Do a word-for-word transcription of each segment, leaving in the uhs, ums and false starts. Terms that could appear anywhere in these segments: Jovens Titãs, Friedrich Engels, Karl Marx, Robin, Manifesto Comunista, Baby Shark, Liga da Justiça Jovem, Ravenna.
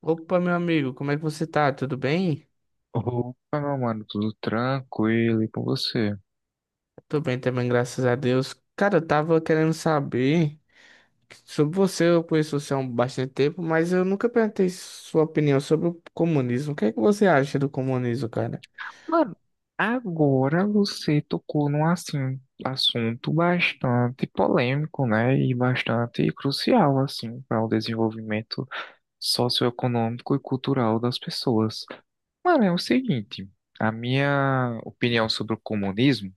Opa, meu amigo, como é que você tá? Tudo bem? Opa, meu mano, tudo tranquilo e com você? Tô bem também, graças a Deus. Cara, eu tava querendo saber sobre você. Eu conheço você há um bastante tempo, mas eu nunca perguntei sua opinião sobre o comunismo. O que é que você acha do comunismo, cara? Mano, agora você tocou num assim, assunto bastante polêmico, né? E bastante crucial, assim, para o desenvolvimento socioeconômico e cultural das pessoas. Mano, é o seguinte, a minha opinião sobre o comunismo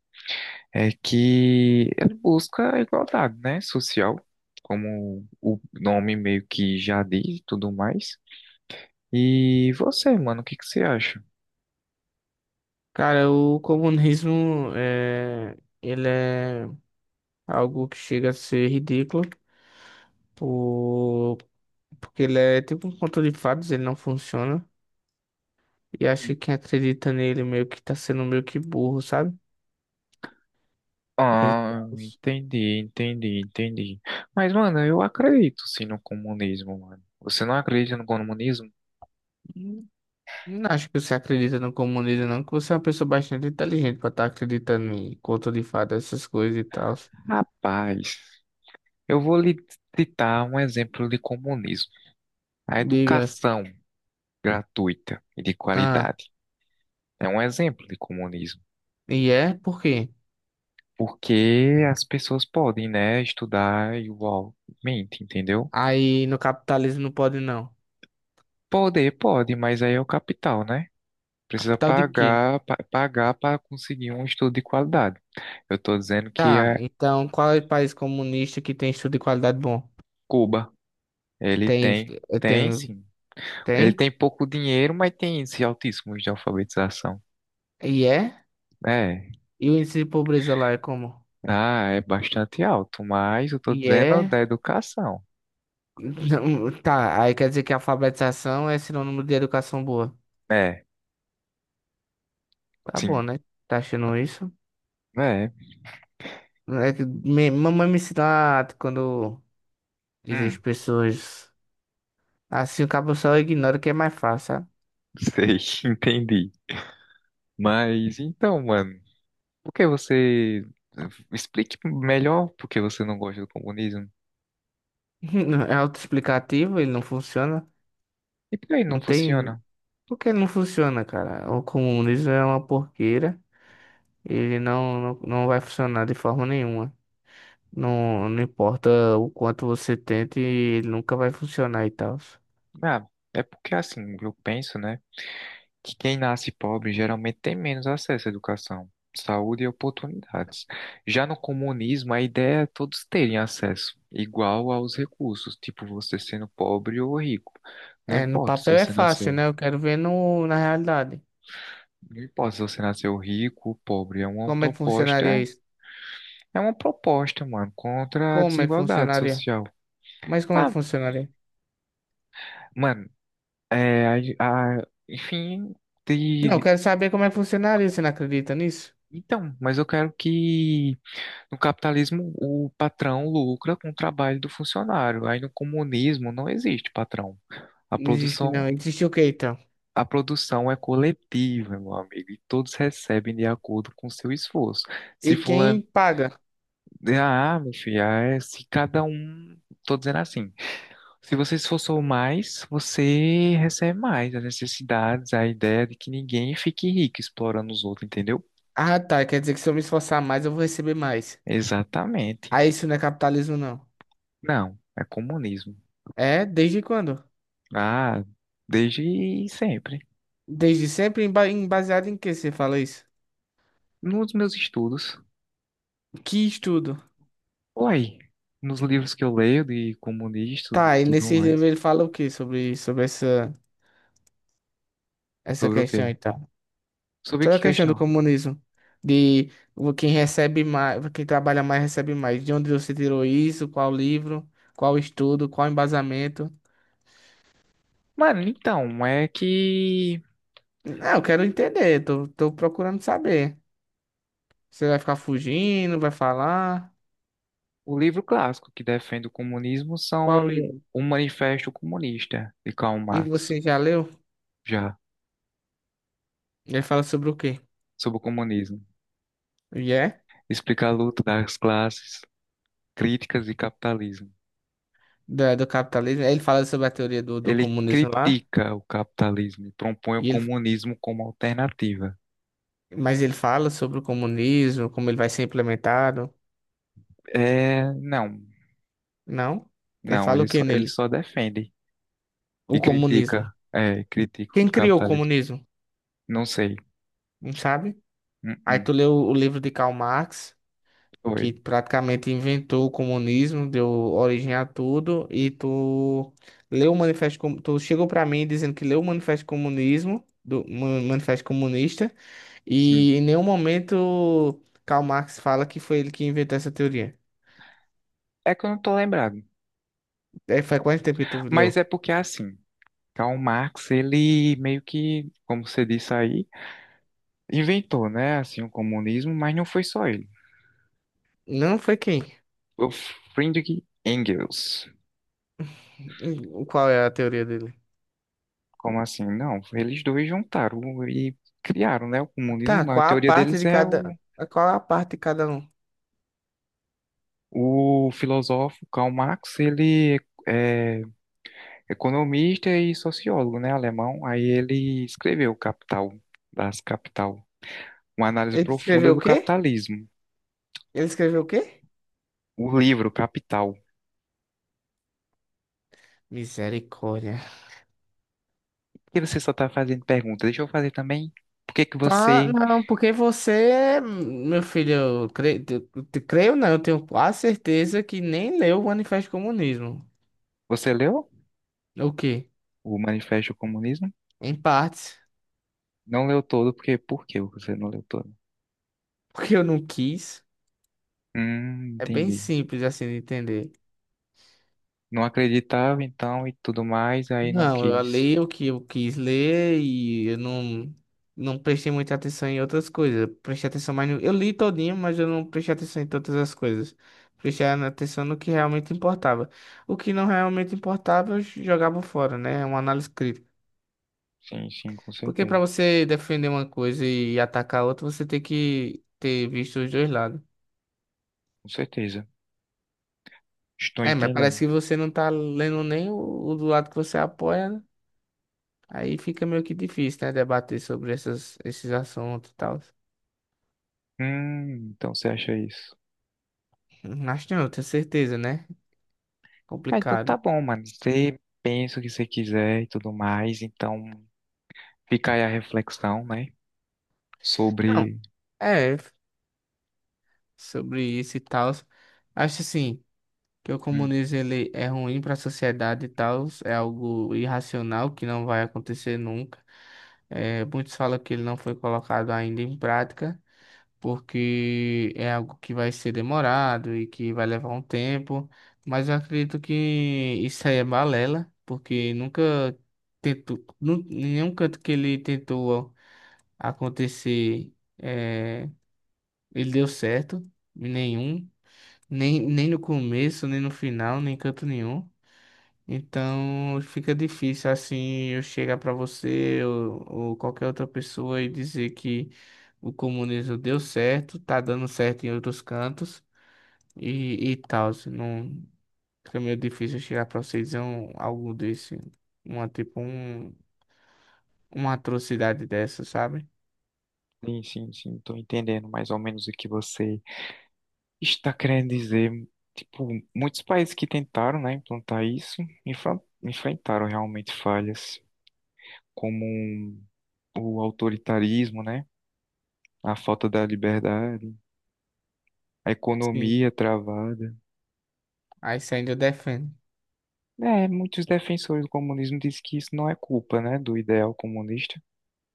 é que ele busca a igualdade, né? Social, como o nome meio que já diz e tudo mais. E você, mano, o que que você acha? Cara, o comunismo é... ele é algo que chega a ser ridículo, por... porque ele é tipo um conto de fadas, ele não funciona. E acho que quem acredita nele meio que tá sendo meio que burro, sabe? E Ah, tal. entendi, entendi, entendi. Mas, mano, eu acredito sim no comunismo, mano. Você não acredita no comunismo? Não acho que você acredita no comunismo, não, que você é uma pessoa bastante inteligente pra estar acreditando em conto de fada, essas coisas e tal. Rapaz, eu vou lhe citar um exemplo de comunismo. A Diga, educação gratuita e de ah, qualidade é um exemplo de comunismo. e é? Por quê? Porque as pessoas podem, né, estudar igualmente, entendeu? Aí no capitalismo não pode, não. Poder pode, mas aí é o capital, né? Precisa Capital de quê? pagar, pa- pagar para conseguir um estudo de qualidade. Eu estou dizendo que Tá, é então qual é o país comunista que tem estudo de qualidade bom? Cuba. Ele Tem, tem, eh, tem tem, sim. Ele tem? tem pouco dinheiro, mas tem índice altíssimo de alfabetização. E é? É, E o índice de pobreza lá é como? ah, é bastante alto, mas eu estou E dizendo é? da educação. Não, tá, aí quer dizer que a alfabetização é sinônimo de educação boa. É, Tá bom, sim, né? Tá achando isso? é, É que me- mamãe me ensina quando dizem as hum, pessoas. Assim o cabo só ignora que é mais fácil, sabe? sei, entendi. Mas então, mano, por que você eh, explique melhor por que você não gosta do comunismo? É autoexplicativo, ele não funciona. E por que não Não tem. funciona? Por que ele não funciona, cara? O comunismo é uma porqueira. Ele não, não, não vai funcionar de forma nenhuma. Não, não importa o quanto você tente, ele nunca vai funcionar e tal. Ah, é porque assim, eu penso, né, que quem nasce pobre geralmente tem menos acesso à educação, saúde e oportunidades. Já no comunismo, a ideia é todos terem acesso igual aos recursos, tipo você sendo pobre ou rico. Não É, no importa se papel é você fácil, nasceu, né? Eu quero ver no, na realidade. não importa se você nasceu rico ou pobre, é uma Como é que funcionaria proposta, isso? é uma proposta, mano, contra a Como é que desigualdade funcionaria? social. Mas como é Ah, que funcionaria? mano, é, a, a- enfim, Não, eu de, quero saber como é que funcionaria. Você não acredita nisso? então, mas eu quero que No capitalismo, o patrão lucra com o trabalho do funcionário. Aí no comunismo não existe patrão. A Não existe, não. produção, Existe o quê, então? a produção é coletiva, meu amigo, e todos recebem de acordo com o seu esforço. Se E quem fulano, paga? ah, meu filho, ah, é, se cada um, tô dizendo assim, Se você se esforçou mais, você recebe mais. As necessidades, a ideia de que ninguém fique rico explorando os outros, entendeu? Ah, tá. Quer dizer que se eu me esforçar mais, eu vou receber mais. Exatamente. Ah, isso não é capitalismo, não. Não, é comunismo. É? Desde quando? Ah, desde sempre. Desde sempre? Em ba- em- Baseado em que você fala isso? Nos meus estudos. Que estudo? Uai, nos livros que eu leio de comunista e Tá, e tudo nesse mais. livro ele fala o que sobre, sobre essa, essa Sobre o questão quê? e tal? Sobre Sobre que a questão do questão? comunismo. De o- quem recebe mais, quem trabalha mais recebe mais. De onde você tirou isso? Qual livro? Qual estudo? Qual embasamento? Mano, então, é que Não, eu quero entender, tô, tô procurando saber. Você vai ficar fugindo, vai falar? o livro clássico que defende o comunismo Qual são livro? o Manifesto Comunista de Karl E Marx, você já leu? já, Ele fala sobre o quê? sobre o comunismo. E é Explica a luta das classes, críticas e capitalismo. da- do capitalismo. Ele fala sobre a teoria do, do Ele comunismo lá. critica o capitalismo e propõe o E ele, comunismo como alternativa. mas ele fala sobre o comunismo, como ele vai ser implementado. É, não, Não? Ele não, fala ele o que só, ele nele? só defende. E O comunismo. critica. É, critica Quem o criou o capitalismo. comunismo? Não sei. Não sabe? Aí Uh-uh. tu leu o livro de Karl Marx. Foi. Que praticamente inventou o comunismo, deu origem a tudo, e tu leu o manifesto, Com- tu chegou para mim dizendo que leu o manifesto comunismo, do Ma- manifesto comunista, Sim. e em nenhum momento Karl Marx fala que foi ele que inventou essa teoria. É que eu não tô lembrado. É, faz quanto tempo que tu Mas leu? é porque assim, Karl Marx, ele meio que, como você disse aí, inventou, né, assim, o comunismo, mas não foi só ele. Não foi quem? O Friedrich Engels. Hum, Qual é a teoria dele? Como assim? Não, eles dois juntaram e criaram, né, o Tá, comunismo. A qual a teoria parte deles de é o, cada, qual a parte de cada um? o filósofo Karl Marx, ele é economista e sociólogo, né, alemão. Aí ele escreveu Capital, das Capital, uma análise Ele profunda escreveu o do quê? capitalismo. Ele escreveu o quê? O livro Capital. Misericórdia. Por que você só está fazendo pergunta? Deixa eu fazer também. Por que que Ah, você não, porque você, meu filho, eu creio, eu te- creio não, eu tenho quase certeza que nem leu o Manifesto Comunismo. Você leu O quê? o Manifesto do Comunismo? Em partes, Não leu todo, porque por que você não leu todo? porque eu não quis. Hum, É bem entendi. simples assim de entender. Não acreditava então e tudo mais, aí não Não, eu quis. li o que eu quis ler e eu não, não prestei muita atenção em outras coisas. Eu prestei atenção mais no... Eu li todinho, mas eu não prestei atenção em todas as coisas. Prestei atenção no que realmente importava. O que não realmente importava, eu jogava fora, né? É uma análise crítica. Sim, sim, com Porque para certeza. você defender uma coisa e atacar a outra, você tem que ter visto os dois lados. Com certeza. Estou É, mas parece entendendo. que você não tá lendo nem o, o do lado que você apoia, né? Aí fica meio que difícil, né? Debater sobre essas, esses assuntos e tal. Hum, então você acha isso? Hum, Acho que não, tenho certeza, né? Ah, então tá Complicado. bom, mano. Você pensa o que você quiser e tudo mais, então fica aí a reflexão, né? Não, Sobre. é, sobre isso e tal. Acho assim, que o Hum, comunismo ele é ruim para a sociedade e tal. É algo irracional que não vai acontecer nunca. É, muitos falam que ele não foi colocado ainda em prática. Porque é algo que vai ser demorado e que vai levar um tempo, mas eu acredito que isso aí é balela, porque nunca tentou, nu- nenhum canto que ele tentou acontecer, eh, ele deu certo, nenhum, nem, nem no começo, nem no final, nem em canto nenhum. Então fica difícil assim eu chegar para você ou, ou qualquer outra pessoa e dizer que o comunismo deu certo, tá dando certo em outros cantos e, e tal. Se não, fica meio difícil eu chegar para você e dizer um, algo desse, uma tipo um, uma atrocidade dessa, sabe? sim, sim, sim, tô entendendo mais ou menos o que você está querendo dizer. Tipo, muitos países que tentaram, né, implantar isso, enfren- enfrentaram realmente falhas, como o autoritarismo, né? A falta da liberdade, a Sim. economia travada. Aí você ainda defende. É, muitos defensores do comunismo dizem que isso não é culpa, né, do ideal comunista.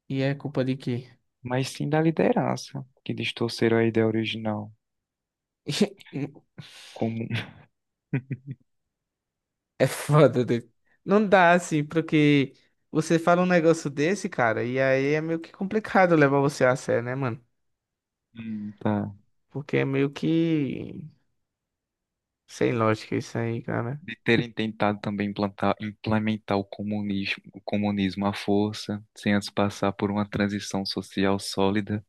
E é culpa de quê? Mas sim da liderança, que distorceram a ideia original, como É foda, dude. Não dá assim, porque você fala um negócio desse, cara, e aí é meio que complicado levar você a sério, né, mano? Hum, tá. Porque é meio que sem lógica isso aí, cara. De terem tentado também implantar, implementar o comunismo, o comunismo à força, sem antes passar por uma transição social sólida.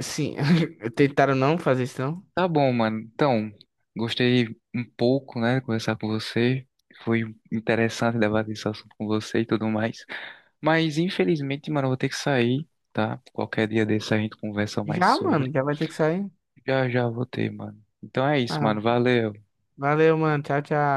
Sim, tentaram não fazer isso, não? Tá bom, mano. Então, gostei um pouco, né, de conversar com você. Foi interessante debater esse assunto com você e tudo mais. Mas, infelizmente, mano, eu vou ter que sair, tá? Qualquer dia desse a gente conversa mais Já, sobre. mano, já vai ter que sair. Já, já vou ter, mano. Então é isso, Ah, mano. Valeu. valeu, mano. Tchau, tchau.